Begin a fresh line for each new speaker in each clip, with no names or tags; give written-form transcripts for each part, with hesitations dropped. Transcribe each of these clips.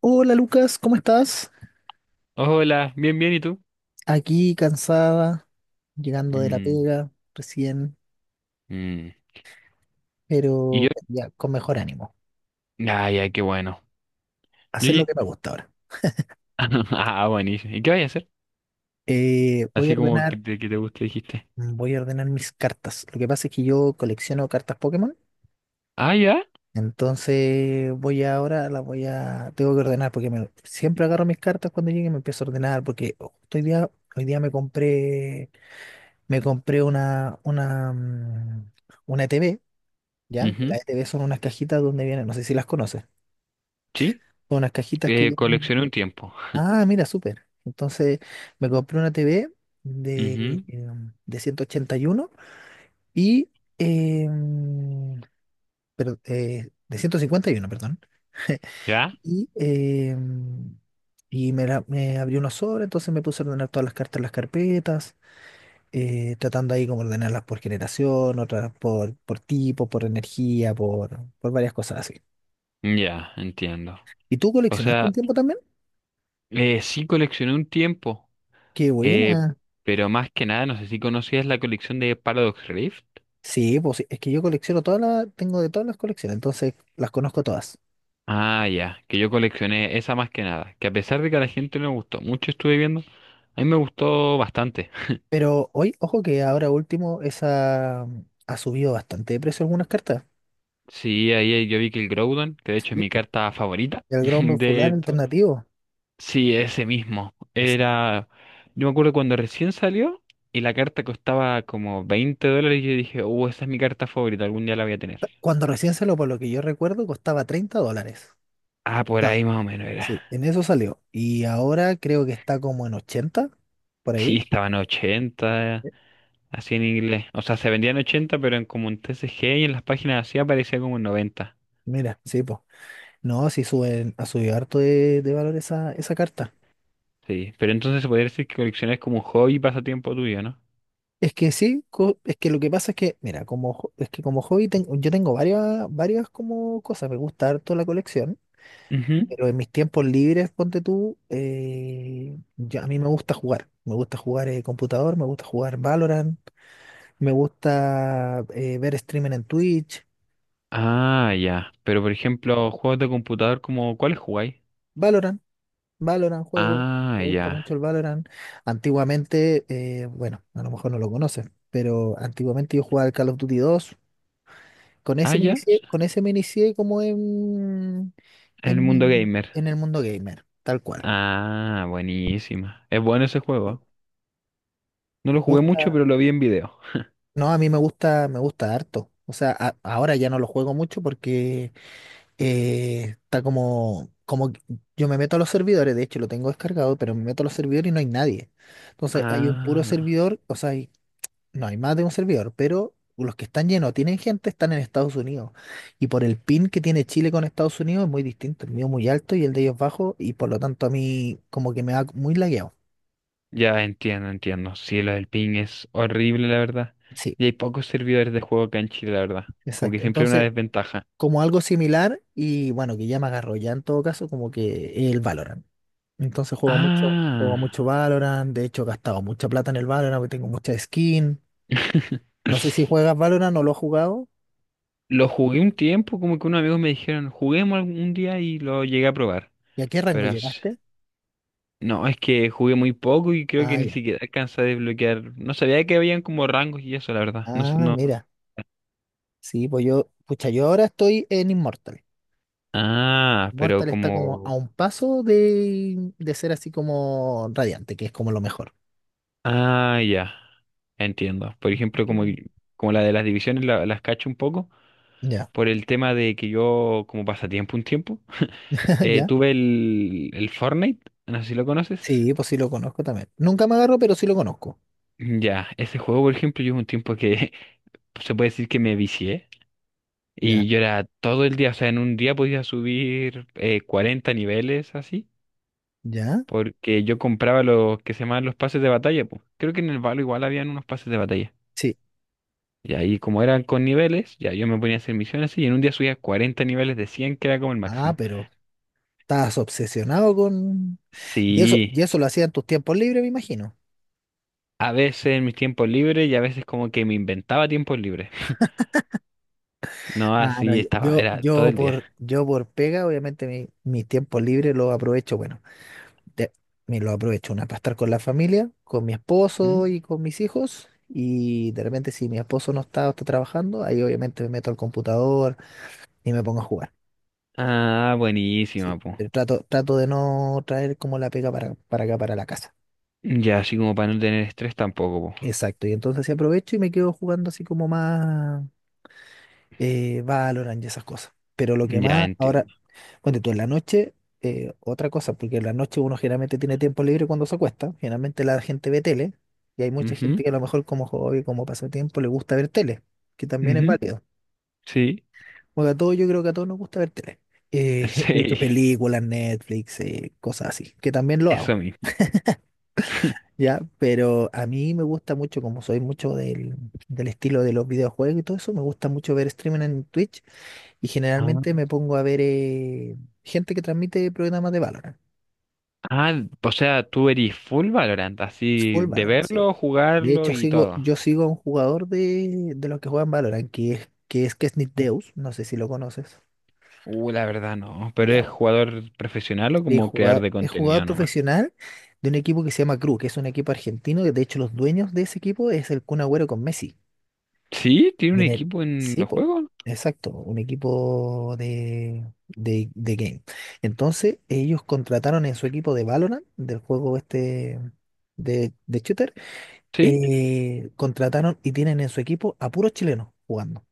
Hola Lucas, ¿cómo estás?
Oh, Hola, bien, bien, ¿y tú?
Aquí cansada, llegando de la
Mm,
pega recién,
mm. Y yo,
pero ya con mejor ánimo.
ah, ya, qué bueno. ¿Y
Hacer lo
oye?
que me gusta ahora.
Ah, buenísimo. ¿Y qué vas a hacer?
Eh, voy a
Así como que
ordenar,
te, que te guste, dijiste.
voy a ordenar mis cartas. Lo que pasa es que yo colecciono cartas Pokémon,
Ah, ya.
entonces voy ahora, tengo que ordenar porque siempre agarro mis cartas cuando llegue y me empiezo a ordenar porque justo hoy día me compré una TV ya, que
Ujú,
las ETV son unas cajitas donde vienen, no sé si las conoces,
Sí.
son unas cajitas que
Eh,
vienen.
coleccioné un tiempo.
Ah, mira, súper. Entonces me compré una TV de,
Ujú,
em, de 181 y em, pero, de 151, perdón.
¿Ya?
Y, em, y me, me abrí unos sobres, entonces me puse a ordenar todas las cartas en las carpetas, tratando ahí como ordenarlas por generación, otras por, tipo, por energía, por, varias cosas así.
Ya, entiendo.
¿Y tú
O
coleccionaste un
sea,
tiempo también?
sí coleccioné un tiempo.
Qué
eh,
buena.
pero más que nada, no sé si conocías la colección de Paradox Rift.
Sí, pues sí, es que yo colecciono tengo de todas las colecciones, entonces las conozco todas.
Ah, ya, que yo coleccioné esa más que nada. Que a pesar de que a la gente no le gustó mucho, estuve viendo, a mí me gustó bastante.
Pero hoy, ojo que ahora último, esa ha subido bastante de precio algunas cartas.
Sí, ahí yo vi que el Groudon, que de hecho es
Sí.
mi carta favorita
El Ground
de
Solar
esto.
alternativo.
Sí, ese mismo.
Exacto.
Era. Yo me acuerdo cuando recién salió y la carta costaba como 20 dólares y yo dije, esa es mi carta favorita, algún día la voy a tener.
Cuando recién salió, por lo que yo recuerdo, costaba 30 dólares.
Ah, por ahí
Estaba.
más o menos era.
Sí, en eso salió. Y ahora creo que está como en 80 por
Sí,
ahí.
estaban 80
Sí.
así en inglés. O sea, se vendían 80 pero en como un TCG y en las páginas así aparecía como en 90.
Mira, sí, pues. No, sí suben, ha subido harto de valor esa carta.
Sí, pero entonces se podría decir que coleccionar es como un hobby y pasatiempo tuyo, ¿no?
Es que sí, es que lo que pasa es que, mira, como es que como hobby yo tengo varias como cosas, me gusta harto la colección,
Ujú.
pero en mis tiempos libres, ponte tú, a mí me gusta jugar, computador, me gusta jugar Valorant, me gusta ver streaming en Twitch,
Ah, ya. Pero por ejemplo, juegos de computador como, ¿cuáles jugáis?
Valorant, Valorant juego,
Ah,
me gusta
ya.
mucho el Valorant. Antiguamente, bueno, a lo mejor no lo conoces, pero antiguamente yo jugaba al Call of Duty 2. Con
Ah,
ese me
ya.
inicié, con ese me inicié como en,
En el
en,
mundo
mi-
gamer.
en el mundo gamer, tal cual.
Ah, buenísima. Es bueno ese juego, ¿eh?
Bueno,
No lo
Me
jugué mucho,
gusta,
pero lo vi en video.
no, a mí me gusta harto. O sea, ahora ya no lo juego mucho porque está como que yo me meto a los servidores, de hecho lo tengo descargado, pero me meto a los servidores y no hay nadie. Entonces hay un puro
Ah,
servidor, o sea, no hay más de un servidor, pero los que están llenos, tienen gente, están en Estados Unidos. Y por el pin que tiene Chile con Estados Unidos es muy distinto. El mío muy alto y el de ellos bajo, y por lo tanto a mí como que me da muy lagueado.
ya entiendo, entiendo. Sí, lo del ping es horrible, la verdad.
Sí,
Y hay pocos servidores de juego acá en Chile, la verdad. Como que
exacto.
siempre hay una
Entonces,
desventaja.
como algo similar, y bueno, que ya me agarró ya en todo caso, como que el Valorant. Entonces juego
Ah.
mucho Valorant. De hecho, he gastado mucha plata en el Valorant, porque tengo mucha skin. No sé si juegas Valorant o lo has jugado.
Lo jugué un tiempo, como que unos amigos me dijeron, juguemos algún día y lo llegué a probar.
¿Y a qué rango
Pero
llegaste?
no, es que jugué muy poco y creo
Ah,
que ni
ya.
siquiera alcanza a desbloquear. No sabía que habían como rangos y eso, la verdad. No,
Ah,
no.
mira. Sí, pues pucha, yo ahora estoy en Immortal.
Ah, pero
Immortal está como a
como.
un paso de ser así como radiante, que es como lo mejor.
Ah, ya. Entiendo. Por ejemplo, como,
Entiendo.
como la de las divisiones las cacho un poco
Ya,
por el tema de que yo, como pasatiempo un tiempo,
ya.
tuve el Fortnite. No sé si lo conoces.
Sí, pues sí lo conozco también. Nunca me agarro, pero sí lo conozco.
Ya, ese juego, por ejemplo, yo hubo un tiempo que se puede decir que me vicié.
Ya,
Y yo era todo el día, o sea, en un día podía subir 40 niveles así.
ya.
Porque yo compraba los que se llamaban los pases de batalla, pues. Creo que en el Valo igual habían unos pases de batalla.
Sí.
Y ahí como eran con niveles, ya yo me ponía a hacer misiones y en un día subía 40 niveles de 100 que era como el
Ah,
máximo.
pero estás obsesionado con. Y
Sí,
eso lo hacías en tus tiempos libres, me imagino.
a veces en mis tiempos libres y a veces como que me inventaba tiempos libres. No,
Ah, no,
así estaba,
yo,
era todo
yo
el día.
por, yo por pega, obviamente mis tiempos libres los aprovecho, bueno. de- Me lo aprovecho una para estar con la familia, con mi
Ujú.
esposo y con mis hijos. Y de repente, si mi esposo no está o está trabajando, ahí obviamente me meto al computador y me pongo a jugar.
Ah, buenísima,
Sí,
pues.
pero trato de no traer como la pega para acá, para la casa.
Ya, así como para no tener estrés tampoco, po.
Exacto. Y entonces sí aprovecho y me quedo jugando así como más. Valorant y esas cosas. Pero lo que
Ya
más ahora,
entiendo.
bueno, tú en la noche, otra cosa, porque en la noche uno generalmente tiene tiempo libre cuando se acuesta, generalmente la gente ve tele, y hay mucha gente
Ujú,
que a lo mejor como hobby, como pasatiempo, le gusta ver tele, que también es
ujú,
válido.
Sí,
Porque a todos, yo creo que a todos nos gusta ver tele. De hecho,
sí,
películas, Netflix, cosas así, que también lo hago,
eso mismo.
¿ya? Pero a mí me gusta mucho, como soy mucho del estilo de los videojuegos y todo eso, me gusta mucho ver streaming en Twitch. Y
Ah.
generalmente me pongo a ver gente que transmite programas de Valorant.
Ah, o sea, tú eres full Valorant, así
Full
de
Valorant, sí.
verlo,
De
jugarlo
hecho,
y todo.
yo sigo a un jugador de los que juegan Valorant, que es Kesnit Deus. No sé si lo conoces.
La verdad no, pero
Ya,
es
bueno.
jugador profesional o
Sí,
como creador de
es jugador
contenido nomás.
profesional de un equipo que se llama Cru, que es un equipo argentino. Que de hecho, los dueños de ese equipo es el Kun Agüero con Messi.
Sí, tiene
Y
un
en el,
equipo en
sí,
los
po,
juegos,
exacto, un equipo de game. Entonces, ellos contrataron en su equipo de Valorant, del juego este de shooter,
sí.
contrataron y tienen en su equipo a puros chilenos jugando.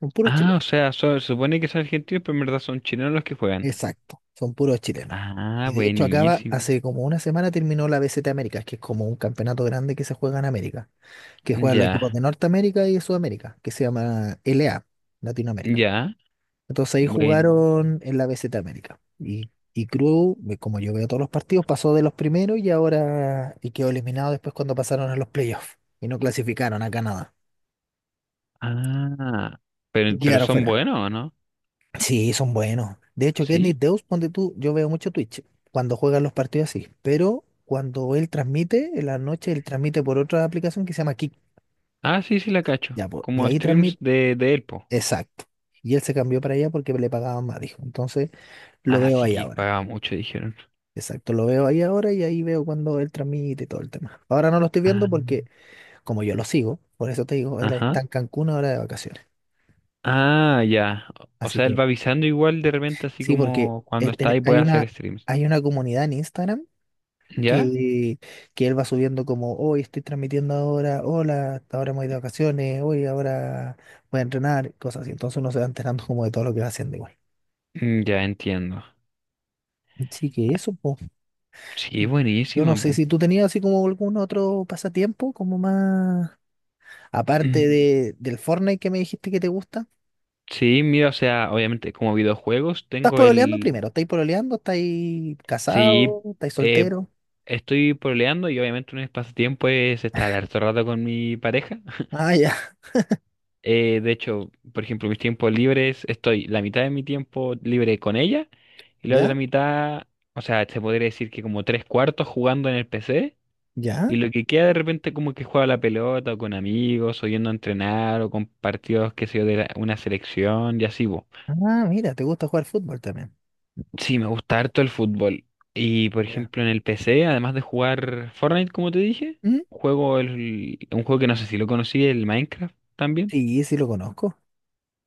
Son puros
Ah,
chilenos.
o sea, se supone que son argentinos, pero en verdad son chilenos los que juegan.
Exacto, son puros chilenos. Y
Ah,
de hecho
buenísimo.
hace como una semana terminó la BCT Américas, que es como un campeonato grande que se juega en América, que juegan los equipos
Ya,
de Norteamérica y de Sudamérica, que se llama LA, Latinoamérica.
ya,
Entonces ahí
bueno.
jugaron en la BZ América. Y Cruz, como yo veo todos los partidos, pasó de los primeros y ahora y quedó eliminado después cuando pasaron a los playoffs. Y no clasificaron a Canadá.
Ah,
Y
pero
quedaron
son
fuera.
buenos, ¿o no?
Sí, son buenos. De hecho, Kenny
Sí.
Deus, ponte tú, yo veo mucho Twitch cuando juegan los partidos así. Pero cuando él transmite, en la noche él transmite por otra aplicación que se llama Kick.
Ah, sí, sí la cacho.
Ya, po, y
Como
ahí
streams
transmite.
de, Elpo.
Exacto. Y él se cambió para allá porque le pagaban más, dijo. Entonces lo
Ah,
veo
sí
ahí
que
ahora.
pagaba mucho, dijeron.
Exacto, lo veo ahí ahora y ahí veo cuando él transmite y todo el tema. Ahora no lo estoy viendo
Ah.
porque, como yo lo sigo, por eso te digo, él
Ajá.
está en Cancún ahora de vacaciones.
Ah, ya. O
Así
sea, él
que,
va avisando igual de repente, así
sí, porque
como cuando está ahí puede hacer streams.
hay una comunidad en Instagram
¿Ya?
que, que él va subiendo como, hoy estoy transmitiendo ahora, hola, hasta ahora hemos ido de vacaciones, hoy ahora voy a entrenar, cosas así. Entonces uno se va enterando como de todo lo que va haciendo igual.
Ya entiendo.
Así que eso, pues.
Sí,
Yo no
buenísima,
sé
pu.
si tú tenías así como algún otro pasatiempo, como más. Aparte
Mm.
de, del Fortnite que me dijiste que te gusta.
Sí, mira, o sea, obviamente como videojuegos
¿Estás
tengo
pololeando
el.
primero? ¿Estáis pololeando? ¿Estáis
Sí,
casado? ¿Estáis
eh,
soltero?
estoy pololeando y obviamente un de mis es estar harto rato con mi pareja.
Ah, ya.
De hecho, por ejemplo, mis tiempos libres, estoy la mitad de mi tiempo libre con ella y la otra
¿Ya?
mitad, o sea, se podría decir que como tres cuartos jugando en el PC.
¿Ya?
Y lo que queda de repente como que juega la pelota o con amigos, o yendo a entrenar, o con partidos, qué sé yo, una selección y así, bo.
Ah, mira, te gusta jugar fútbol también.
Sí, me gusta harto el fútbol. Y por
Ya.
ejemplo en el PC, además de jugar Fortnite, como te dije,
¿Mm?
juego un juego que no sé si lo conocí, el Minecraft también.
Sí, sí lo conozco.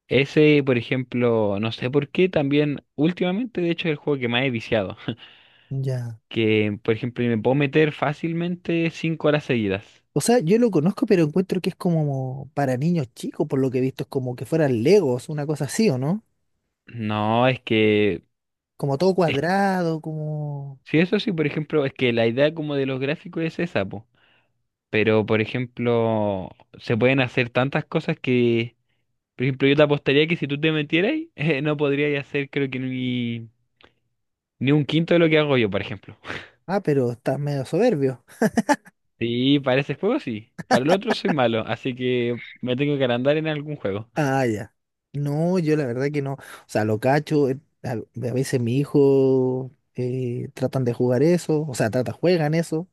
Ese, por ejemplo, no sé por qué, también últimamente, de hecho, es el juego que más he viciado.
Ya.
Que, por ejemplo, me puedo meter fácilmente 5 horas seguidas.
O sea, yo lo conozco, pero encuentro que es como para niños chicos, por lo que he visto, es como que fueran Legos, una cosa así, ¿o no?
No, es que
Como todo cuadrado.
sí, eso sí, por ejemplo, es que la idea como de los gráficos es esa, po. Pero, por ejemplo, se pueden hacer tantas cosas que, por ejemplo, yo te apostaría que si tú te metieras, no podrías hacer creo que ni un quinto de lo que hago yo, por ejemplo.
Ah, pero estás medio soberbio.
Sí, para ese juego sí. Para el otro soy malo, así que me tengo que agrandar en algún juego.
Ah, ya. No, yo la verdad que no. O sea, lo cacho. A veces mi hijo tratan de jugar eso. O sea, juegan eso.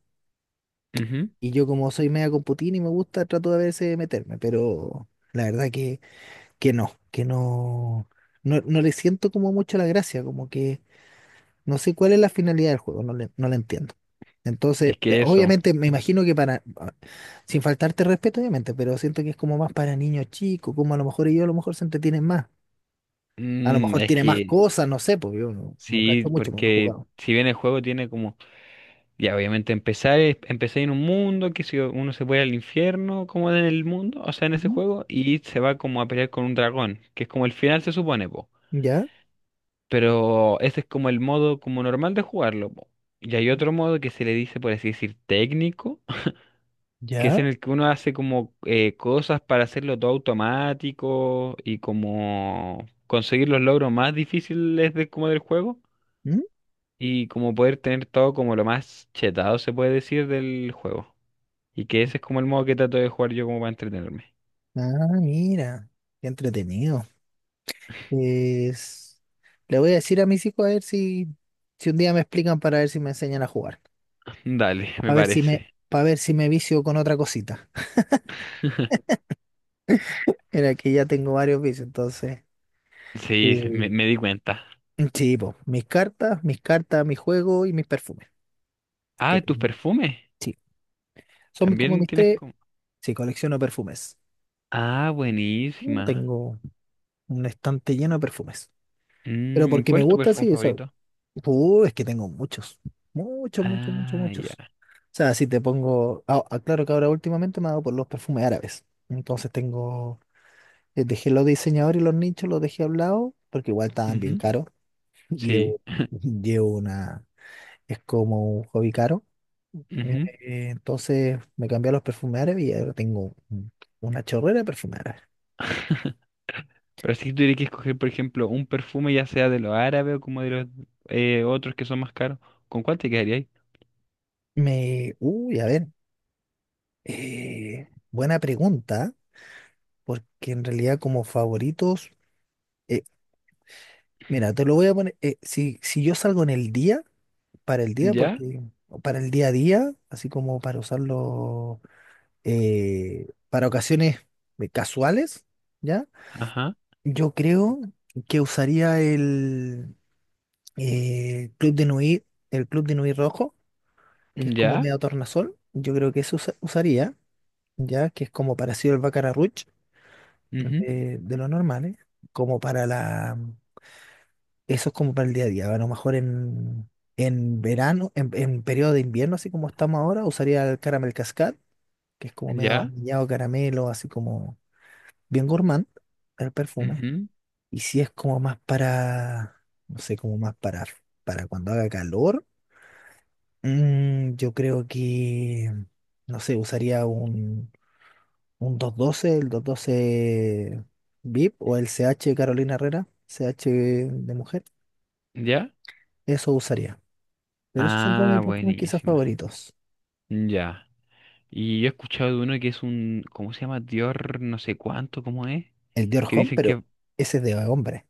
Ujú.
Y yo como soy media computín y me gusta, trato de a veces de meterme. Pero la verdad que no le siento como mucho la gracia. Como que no sé cuál es la finalidad del juego, no la entiendo.
Es
Entonces,
que eso.
obviamente me imagino que sin faltarte respeto, obviamente, pero siento que es como más para niños chicos, como a lo mejor ellos a lo mejor se entretienen más. A lo
Mm,
mejor
es
tiene más
que
cosas, no sé, porque yo no
sí,
cacho mucho, porque no he
porque
jugado.
si bien el juego tiene como, ya, obviamente empezar, empecé en un mundo que si uno se puede al infierno, como en el mundo, o sea, en ese
Mm,
juego, y se va como a pelear con un dragón, que es como el final se supone, po.
¿ya?
Pero ese es como el modo como normal de jugarlo, po. Y hay otro modo que se le dice, por así decir, técnico, que es
¿Ya?
en el que uno hace como, cosas para hacerlo todo automático y como conseguir los logros más difíciles de, como del juego
¿Mm?
y como poder tener todo como lo más chetado se puede decir del juego. Y que ese es como el modo que trato de jugar yo como para entretenerme.
Ah, mira, qué entretenido. Pues le voy a decir a mis hijos a ver si, si un día me explican para ver si me enseñan a jugar.
Dale, me
Para ver si me,
parece.
para ver si me vicio con otra cosita. Era que ya tengo varios vicios, entonces. Sí,
Sí, me di cuenta.
sí, po, mis cartas, mi juego y mis perfumes. Que
Ah, tus
tengo.
perfumes.
Sí. Son como
También
mis
tienes
tres.
como.
Sí, colecciono perfumes.
Ah,
Uh,
buenísima.
Tengo Un estante lleno de perfumes. Pero
Mm,
porque me
¿cuál es tu
gusta,
perfume
sí, o sea,
favorito?
es que tengo muchos. Muchos, muchos, muchos,
Ah,
muchos.
ya.
O sea, si te pongo. Ah, ah, claro que ahora últimamente me ha dado por los perfumes árabes. Entonces tengo. Dejé los diseñadores y los nichos, los dejé a un lado, porque igual estaban bien
Ujú,
caros.
Sí.
Llevo, llevo una. Es como un hobby caro. Eh,
Ujú.
entonces me cambié a los perfumes árabes y ahora tengo una chorrera de perfumes árabes.
Pero si tuviera que escoger, por ejemplo, un perfume ya sea de los árabes o como de los, otros que son más caros, ¿con cuál te quedarías?
Me. Uy, a ver. Buena pregunta. Porque en realidad como favoritos, eh, mira, te lo voy a poner, si yo salgo en el día, para el día,
¿Ya?
porque o para el día a día, así como para usarlo para ocasiones casuales, ¿ya?
Ajá.
Yo creo que usaría el Club de Nui, el Club de Nui rojo, que es como
¿Ya?
medio tornasol, yo creo que eso usaría, ¿ya? Que es como parecido al Baccarat Rouge
Ujú.
de lo normal, ¿eh? Como para la Eso es como para el día a día. A lo mejor en verano, en periodo de invierno, así como estamos ahora, usaría el caramel cascade, que es como medio
¿Ya?
vainillado caramelo, así como bien gourmand el perfume.
Ujú.
Y si es como más para, no sé, como más para cuando haga calor, yo creo que, no sé, usaría un 212 el 212 VIP o el CH de Carolina Herrera, CH de mujer.
¿Ya?
Eso usaría. Pero esos son como
Ah,
mis perfumes quizás
buenísima.
favoritos.
Ya. Y yo he escuchado de uno que es un, ¿cómo se llama? Dior, no sé cuánto, ¿cómo es?
El Dior
Que
Homme,
dicen
pero
que,
ese es de hombre.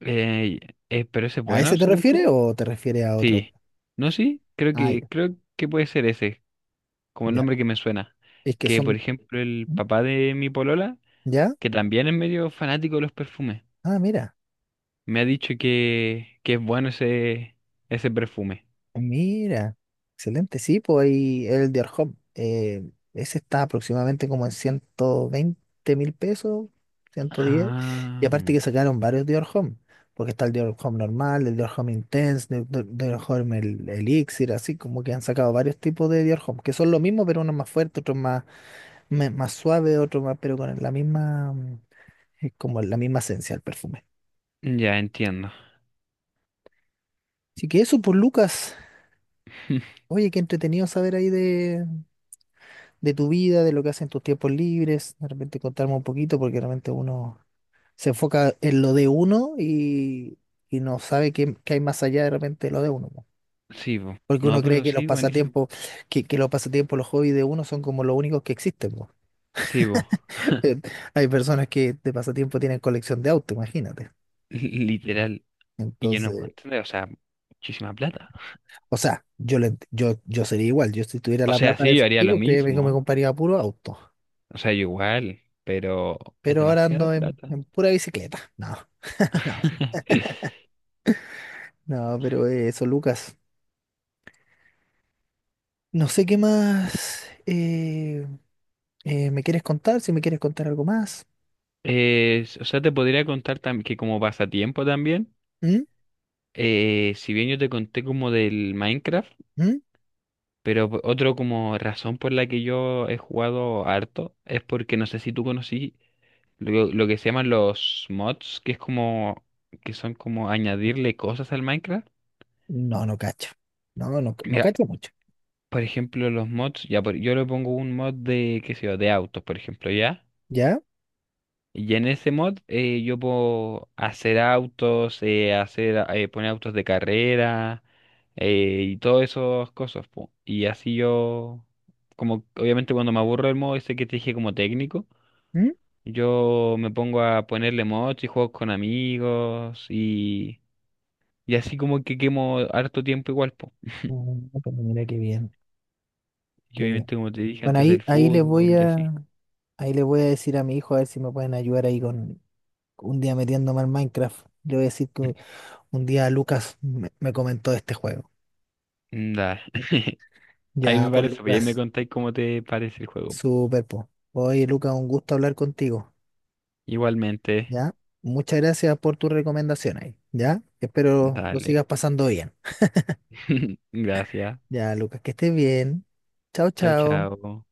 eh, pero ese es
¿A ese
bueno,
te
según
refieres
tú.
o te refieres a otro?
Sí. ¿No, sí? Creo
Ah,
que,
ya.
creo que puede ser ese, como el
Ya.
nombre que me suena.
Es que
Que, por
son.
ejemplo, el papá de mi polola,
¿Ya?
que también es medio fanático de los perfumes,
Ah, mira.
me ha dicho que es bueno ese perfume.
Mira. Excelente. Sí, pues ahí el Dior Homme. Ese está aproximadamente como en 120 mil pesos, 110. Y
Ah,
aparte que sacaron varios Dior Homme. Porque está el Dior Homme normal, el Dior Homme Intense, el Dior Homme el, Elixir, así como que han sacado varios tipos de Dior Homme, que son lo mismo, pero uno más fuerte, otro más más suave, otro más, pero con la misma, como la misma esencia del perfume.
ya entiendo.
Así que eso por Lucas. Oye, qué entretenido saber ahí de tu vida, de lo que haces en tus tiempos libres. De repente contarme un poquito, porque realmente uno se enfoca en lo de uno y no sabe qué hay más allá de repente de lo de uno. Po.
Sí, vos.
Porque
No,
uno cree
pero
que los
sí, buenísimo.
pasatiempos, los hobbies de uno son como los únicos que existen. Po.
Sí, vos.
Hay personas que de pasatiempo tienen colección de autos, imagínate.
Literal. Y yo no puedo
Entonces,
entender, o sea, muchísima plata.
o sea, yo sería igual. Yo si tuviera
O
la
sea,
plata de
sí, yo haría lo
efectivo. Sí. Créeme que me
mismo.
compraría puro auto.
O sea, yo igual, pero es
Pero ahora
demasiada
ando
plata.
en pura bicicleta. No, no, sí. No, pero eso, Lucas. No sé qué más me quieres contar, si me quieres contar algo más.
O sea, te podría contar que como pasatiempo también,
¿Mm?
si bien yo te conté como del Minecraft,
¿Mm?
pero otro como razón por la que yo he jugado harto es porque no sé si tú conocí lo que se llaman los mods, que son como añadirle cosas al Minecraft.
No, no cacho. No, no, no
Mira,
cacho mucho.
por ejemplo, los mods, ya yo le pongo un mod de, qué sé yo, de autos, por ejemplo, ¿ya?
¿Ya?
Y en ese mod, yo puedo hacer autos, hacer, poner autos de carrera, y todas esas cosas, po. Y así yo, como obviamente cuando me aburro del modo ese que te dije como técnico,
¿Mm?
yo me pongo a ponerle mods y juegos con amigos y así como que quemo harto tiempo igual, po.
Mm, pero mira qué bien,
Y
qué bien.
obviamente como te dije
Bueno,
antes del
ahí, ahí les voy
fútbol y así.
a, ahí les voy a decir a mi hijo a ver si me pueden ayudar ahí con un día metiéndome al Minecraft. Le voy a decir que un día Lucas me comentó de este juego.
Da. Ahí
Ya,
me
por
parece, pues, y ahí me
Lucas,
contáis cómo te parece el juego.
súper po. Oye, Lucas, un gusto hablar contigo.
Igualmente,
Ya, muchas gracias por tus recomendaciones. Ya, espero lo
dale.
sigas pasando bien.
Gracias.
Ya, Lucas, que estés bien. Chao,
Chao,
chao.
chao.